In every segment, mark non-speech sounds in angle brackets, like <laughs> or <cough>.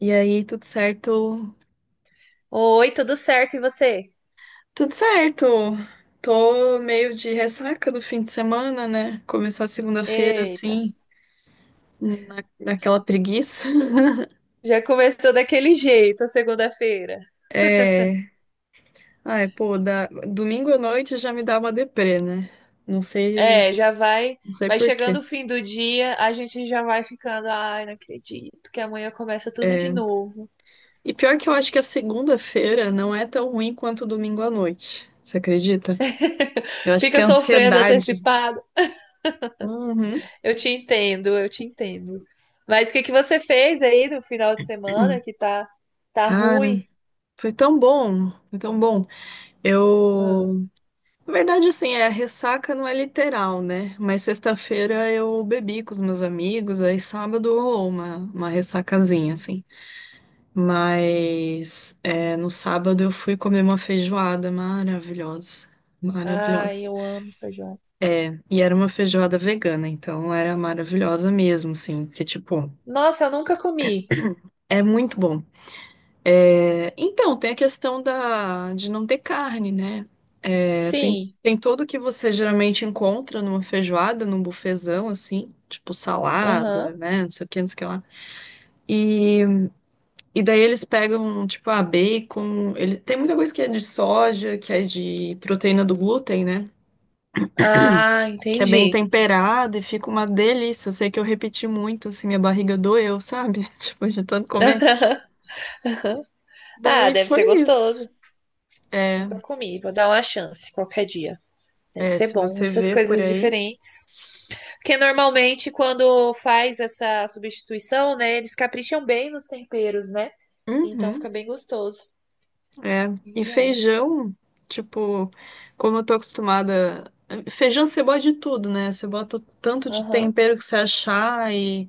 E aí, tudo certo? Oi, tudo certo e você? Tudo certo. Tô meio de ressaca do fim de semana, né? Começar segunda-feira Eita, assim, naquela preguiça. <laughs> já começou daquele jeito a segunda-feira. É. Ai, pô, da... domingo à noite já me dá uma deprê, né? Não sei, É, já vai, não sei vai por quê. chegando o fim do dia, a gente já vai ficando, ai, não acredito que amanhã começa tudo de É. novo. E pior que eu acho que a segunda-feira não é tão ruim quanto o domingo à noite. Você acredita? <laughs> Eu acho que Fica é sofrendo ansiedade. antecipado. Uhum. Eu te entendo, eu te entendo. Mas o que que você fez aí no final de semana que tá Cara, ruim? Foi tão bom. Ah, Eu Na verdade, assim, ressaca não é literal, né? Mas sexta-feira eu bebi com os meus amigos, aí sábado rolou uma ressacazinha, sim. assim. Mas é, no sábado eu fui comer uma feijoada maravilhosa, Ai, maravilhosa. eu amo feijão. E era uma feijoada vegana, então era maravilhosa mesmo, assim, porque, tipo, Nossa, eu nunca comi. é muito bom. É, então, tem a questão de não ter carne, né? É, Sim. tem tudo que você geralmente encontra numa feijoada, num bufezão, assim, tipo salada, Aham. né? Não sei o que, não sei o que lá. E, e daí eles pegam, tipo, a bacon. Ele, tem muita coisa que é de soja, que é de proteína do glúten, né? Ah, Que é bem entendi. temperado e fica uma delícia. Eu sei que eu repeti muito, assim, minha barriga doeu, sabe? <laughs> Tipo, de tanto comer. <laughs> Ah, Daí deve ser foi isso. gostoso. É, Nunca comi, vou dar uma chance qualquer dia. Deve é, ser se bom, você essas vê por coisas aí. diferentes. Porque normalmente quando faz essa substituição, né, eles capricham bem nos temperos, né? Então Uhum. fica bem gostoso. É. E Pois é. feijão, tipo, como eu tô acostumada. Feijão você bota de tudo, né? Você bota o tanto de Aham, tempero que você achar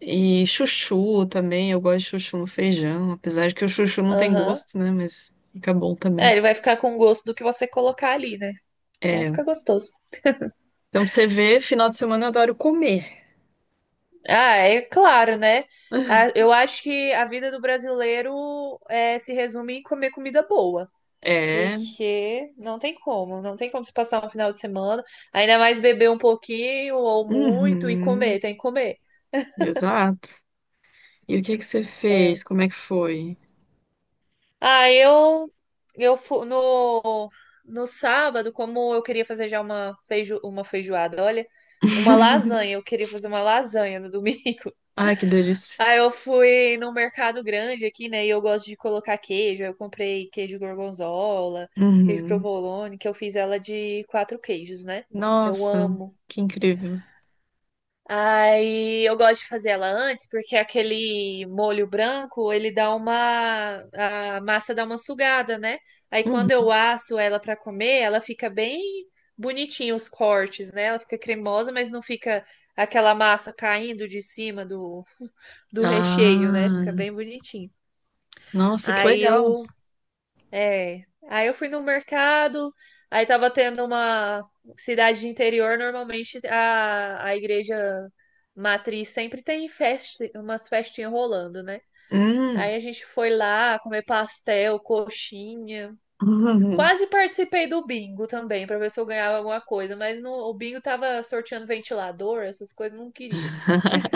e chuchu também. Eu gosto de chuchu no feijão, apesar de que o chuchu não tem aham. gosto, né? Mas fica bom É, também. ele vai ficar com o gosto do que você colocar ali, né? Então É. fica gostoso. Então, pra você vê, final de semana eu adoro comer. Ah, é claro, né? Ah, <laughs> eu acho que a vida do brasileiro é, se resume em comer comida boa. É. Porque não tem como, não tem como se passar um final de semana, ainda mais beber um pouquinho ou muito e comer, Uhum. tem que comer. Exato. E o que que você É. fez? Como é que foi? Ah, eu no sábado, como eu queria fazer já uma feijoada, olha, uma <laughs> lasanha, eu queria fazer uma lasanha no domingo. Ai, que <laughs> delícia. Aí eu fui num mercado grande aqui, né? E eu gosto de colocar queijo. Aí eu comprei queijo gorgonzola, queijo Uhum. provolone, que eu fiz ela de quatro queijos, né? Eu Nossa, amo. que incrível. Aí eu gosto de fazer ela antes, porque aquele molho branco, a massa dá uma sugada, né? Aí quando Hum. eu asso ela para comer, ela fica bem bonitinha os cortes, né? Ela fica cremosa, mas não fica aquela massa caindo de cima do recheio, né? Ah, Fica bem bonitinho. nossa, que Aí legal. eu É. Aí eu fui no mercado, aí tava tendo uma cidade de interior, normalmente a igreja matriz sempre tem festa, umas festinhas rolando, né? Hum. Aí a gente foi lá comer pastel, coxinha. Quase participei do bingo também, pra ver se eu ganhava alguma coisa, mas no, o bingo tava sorteando ventilador, essas coisas, não queria. <laughs>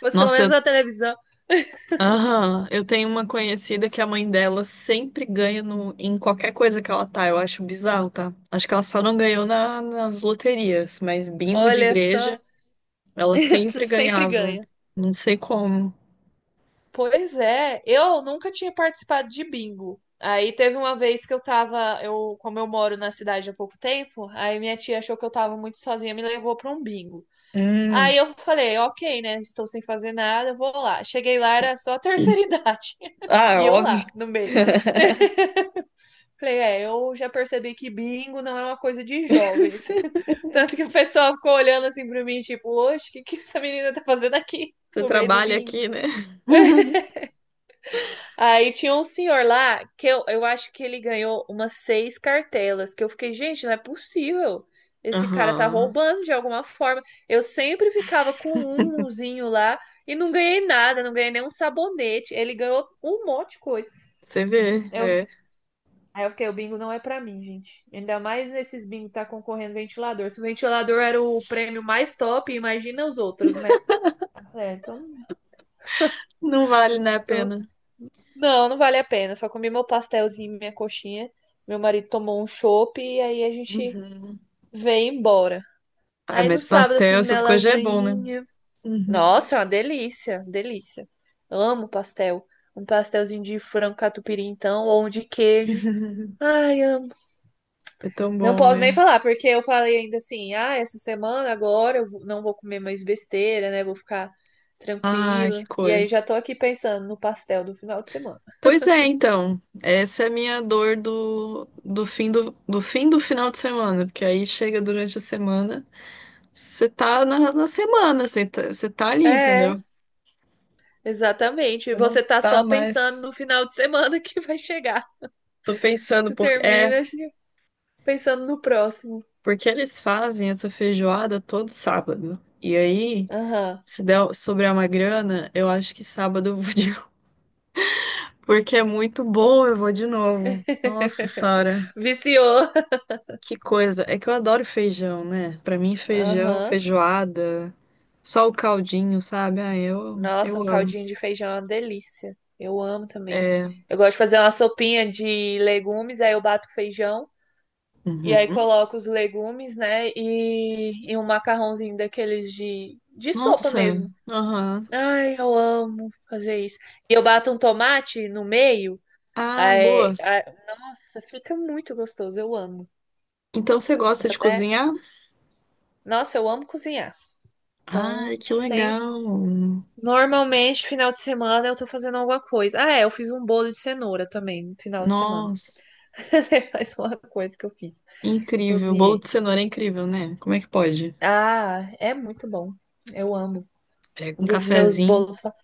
Mas pelo Nossa, menos eu, na televisão, aham, eu tenho uma conhecida que a mãe dela sempre ganha no, em qualquer coisa que ela tá. Eu acho bizarro, tá? Acho que ela só não ganhou na- nas loterias, mas bingo de olha só, igreja, ela <laughs> sempre sempre ganhava. ganha. Não sei como. Pois é, eu nunca tinha participado de bingo. Aí teve uma vez que como eu moro na cidade há pouco tempo, aí minha tia achou que eu tava muito sozinha, me levou pra um bingo. Hum. Aí eu falei, ok, né? Estou sem fazer nada, eu vou lá. Cheguei lá, era só a terceira <laughs> idade. Ah, E eu óbvio. lá, no meio. <laughs> <laughs> Falei, é, eu já percebi que bingo não é uma coisa de jovens. <laughs> Tanto que o pessoal ficou olhando assim pra mim, tipo, oxe, o que que essa menina tá fazendo aqui Você no meio do trabalha bingo? aqui, né? <laughs> Aí tinha um senhor lá que eu acho que ele ganhou umas seis cartelas, que eu fiquei, gente, não é possível. Esse cara tá Aham. roubando de alguma forma. Eu sempre ficava com um umzinho lá e não ganhei nada, não ganhei nenhum sabonete. Ele ganhou um monte de coisa. Você vê, Eu, é. Aí eu fiquei, o bingo não é pra mim, gente. Ainda mais nesses bingo que tá concorrendo ventilador. Se o ventilador era o prêmio mais top, imagina os outros, né? É, então, Não vale, né, a então pena. não, não vale a pena. Só comi meu pastelzinho, e minha coxinha. Meu marido tomou um chopp e aí a gente Uhum. veio embora. Ah, Aí no mas sábado eu pastel, fiz minha essas coisas já é bom, né? lasanhinha. Uhum. Nossa, é uma delícia, delícia. Amo pastel. Um pastelzinho de frango catupiry, então, ou um de queijo. <laughs> Ai, amo. É tão Não bom, posso nem né? falar, porque eu falei ainda assim: ah, essa semana agora eu não vou comer mais besteira, né? Vou ficar Ah, que tranquila. E aí coisa. já tô aqui pensando no pastel do final de semana. Pois é, então. Essa é a minha dor do, do fim do, do fim do final de semana, porque aí chega durante a semana, você tá na semana, você tá ali, entendeu? É. Exatamente. E Você não você tá tá só pensando no mais. final de semana que vai chegar. Tô pensando, Você porque é, termina assim, pensando no próximo. porque eles fazem essa feijoada todo sábado. E aí, Aham. se der, sobrar uma grana, eu acho que sábado eu vou <laughs> Porque é muito bom, eu vou de novo. Nossa, Sara, <laughs> Viciou. que coisa. É que eu adoro feijão, né? Pra mim, feijão, Aham. feijoada, só o caldinho, sabe? Ah, Nossa, eu um amo. caldinho de feijão é uma delícia. Eu amo também. É. Eu gosto de fazer uma sopinha de legumes, aí eu bato feijão e aí Uhum. coloco os legumes, né? E um macarrãozinho daqueles de sopa Nossa, mesmo. aham. Ai, eu amo fazer isso. E eu bato um tomate no meio. Ah, Ai, boa. ai, nossa, fica muito gostoso, eu amo. Então você gosta Dá de Até, cozinhar? nossa, eu amo cozinhar. Então, Ai, que sem. legal. Normalmente, final de semana eu tô fazendo alguma coisa. Ah, é, eu fiz um bolo de cenoura também no final de semana. Nossa, <laughs> Mais uma coisa que eu fiz. Eu incrível. Bolo cozinhei. de cenoura é incrível, né? Como é que pode? Ah, é muito bom. Eu amo. É, Um com dos meus cafezinho. bolos.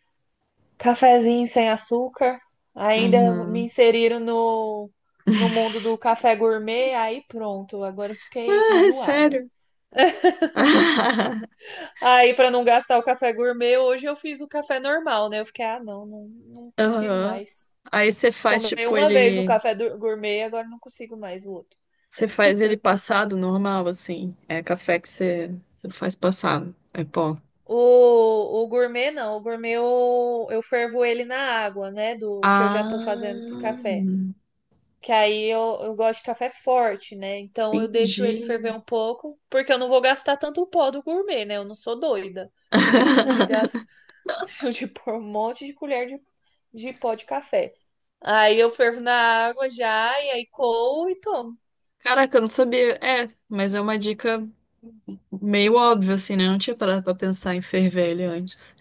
Cafezinho sem açúcar. Ainda me Aham. <laughs> inseriram no mundo do café gourmet. Aí pronto, agora eu fiquei Ah, é enjoada. sério? <laughs> Aí, pra não gastar o café gourmet, hoje eu fiz o café normal, né? Eu fiquei, ah, não, não, não consigo Aham. mais. Aí você faz, Tomei tipo, uma vez o ele. café gourmet, agora não consigo mais o outro. Você faz ele passado normal, assim. É café que você, você faz passado. É pó. O gourmet, não. O gourmet eu fervo ele na água, né? Do que eu já tô fazendo Ah, pro café. Que aí eu gosto de café forte, né? Então eu deixo ele entendi. ferver um pouco, porque eu não vou gastar tanto pó do gourmet, né? Eu não sou doida de <laughs> gastar <laughs> eu de pôr um monte de colher de pó de café. Aí eu fervo na água já, e aí coo e tomo. Caraca, eu não sabia. É, mas é uma dica meio óbvia, assim, né? Eu não tinha parado pra pensar em ferver ele antes.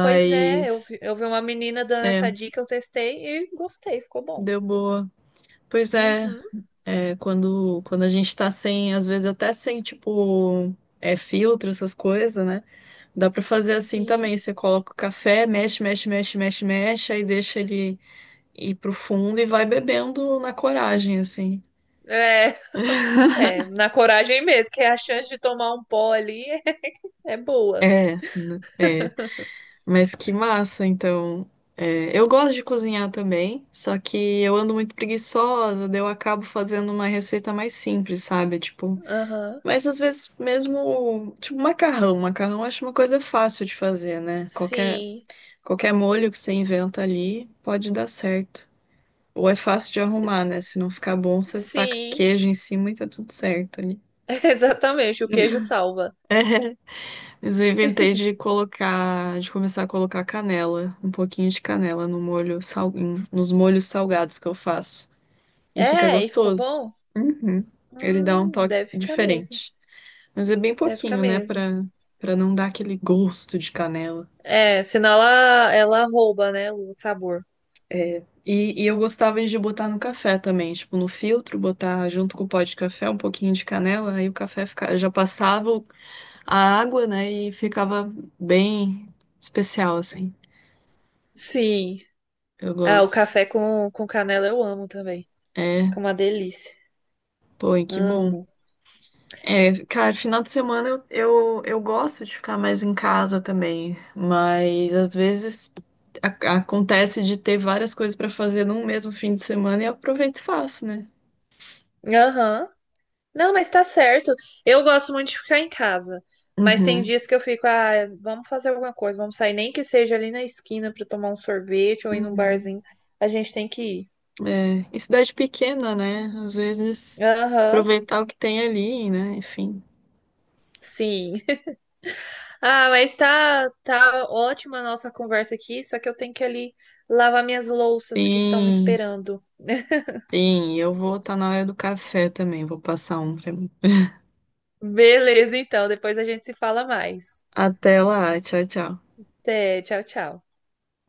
Pois é, eu vi, eu vi uma menina dando é, essa dica, eu testei e gostei, ficou bom. deu boa. Pois é, Uhum, é, quando a gente tá sem, às vezes até sem, tipo, é, filtro, essas coisas, né? Dá pra fazer assim sim. também. Você coloca o café, mexe, aí deixa ele ir pro fundo e vai bebendo na coragem, assim. É, <laughs> <laughs> é, na coragem mesmo, que a chance de tomar um pó ali <laughs> é boa. É, né? É. Mas que massa, então. É, eu gosto de cozinhar também, só que eu ando muito preguiçosa, daí eu acabo fazendo uma receita mais simples, sabe? Tipo, Aham, mas às vezes mesmo, tipo, macarrão. Macarrão eu acho uma coisa fácil de fazer, né? Qualquer, Sim, qualquer molho que você inventa ali pode dar certo. Ou é fácil de arrumar, né? Se não ficar bom, você taca sim, queijo em cima e tá tudo certo ali. <laughs> exatamente, o queijo salva. Mas eu inventei de colocar, de começar a colocar canela, um pouquinho de canela no molho, sal, em- nos molhos salgados que eu faço. E fica É, e ficou gostoso. bom? Uhum. Ele dá um toque Deve ficar mesmo, diferente. Mas é bem deve ficar pouquinho, né? mesmo. Pra, pra não dar aquele gosto de canela. É, senão ela rouba, né, o sabor. E eu gostava de botar no café também, tipo, no filtro, botar junto com o pó de café um pouquinho de canela, aí o café fica, já passava o a água, né? E ficava bem especial, assim. Sim. Eu Ah, o gosto. café com canela eu amo também. É, Fica uma delícia. pô, e que bom. Amo. É, cara, final de semana eu gosto de ficar mais em casa também, mas às vezes a- acontece de ter várias coisas pra fazer num mesmo fim de semana e eu aproveito e faço, né? Aham. Não, mas tá certo. Eu gosto muito de ficar em casa. Mas tem Uhum, dias que eu fico, ah, vamos fazer alguma coisa, vamos sair, nem que seja ali na esquina pra tomar um sorvete ou ir num uhum. barzinho. A gente tem que ir. É, e cidade pequena, né? Às vezes Aham. aproveitar o que tem ali, né? Enfim. Sim. <laughs> Ah, mas tá ótima a nossa conversa aqui, só que eu tenho que ali lavar minhas louças que estão me Sim. esperando. Sim, eu vou estar na hora do café também. Vou passar um pra mim. Beleza, então, depois a gente se fala mais. Até lá. Tchau, tchau. Até, tchau, tchau.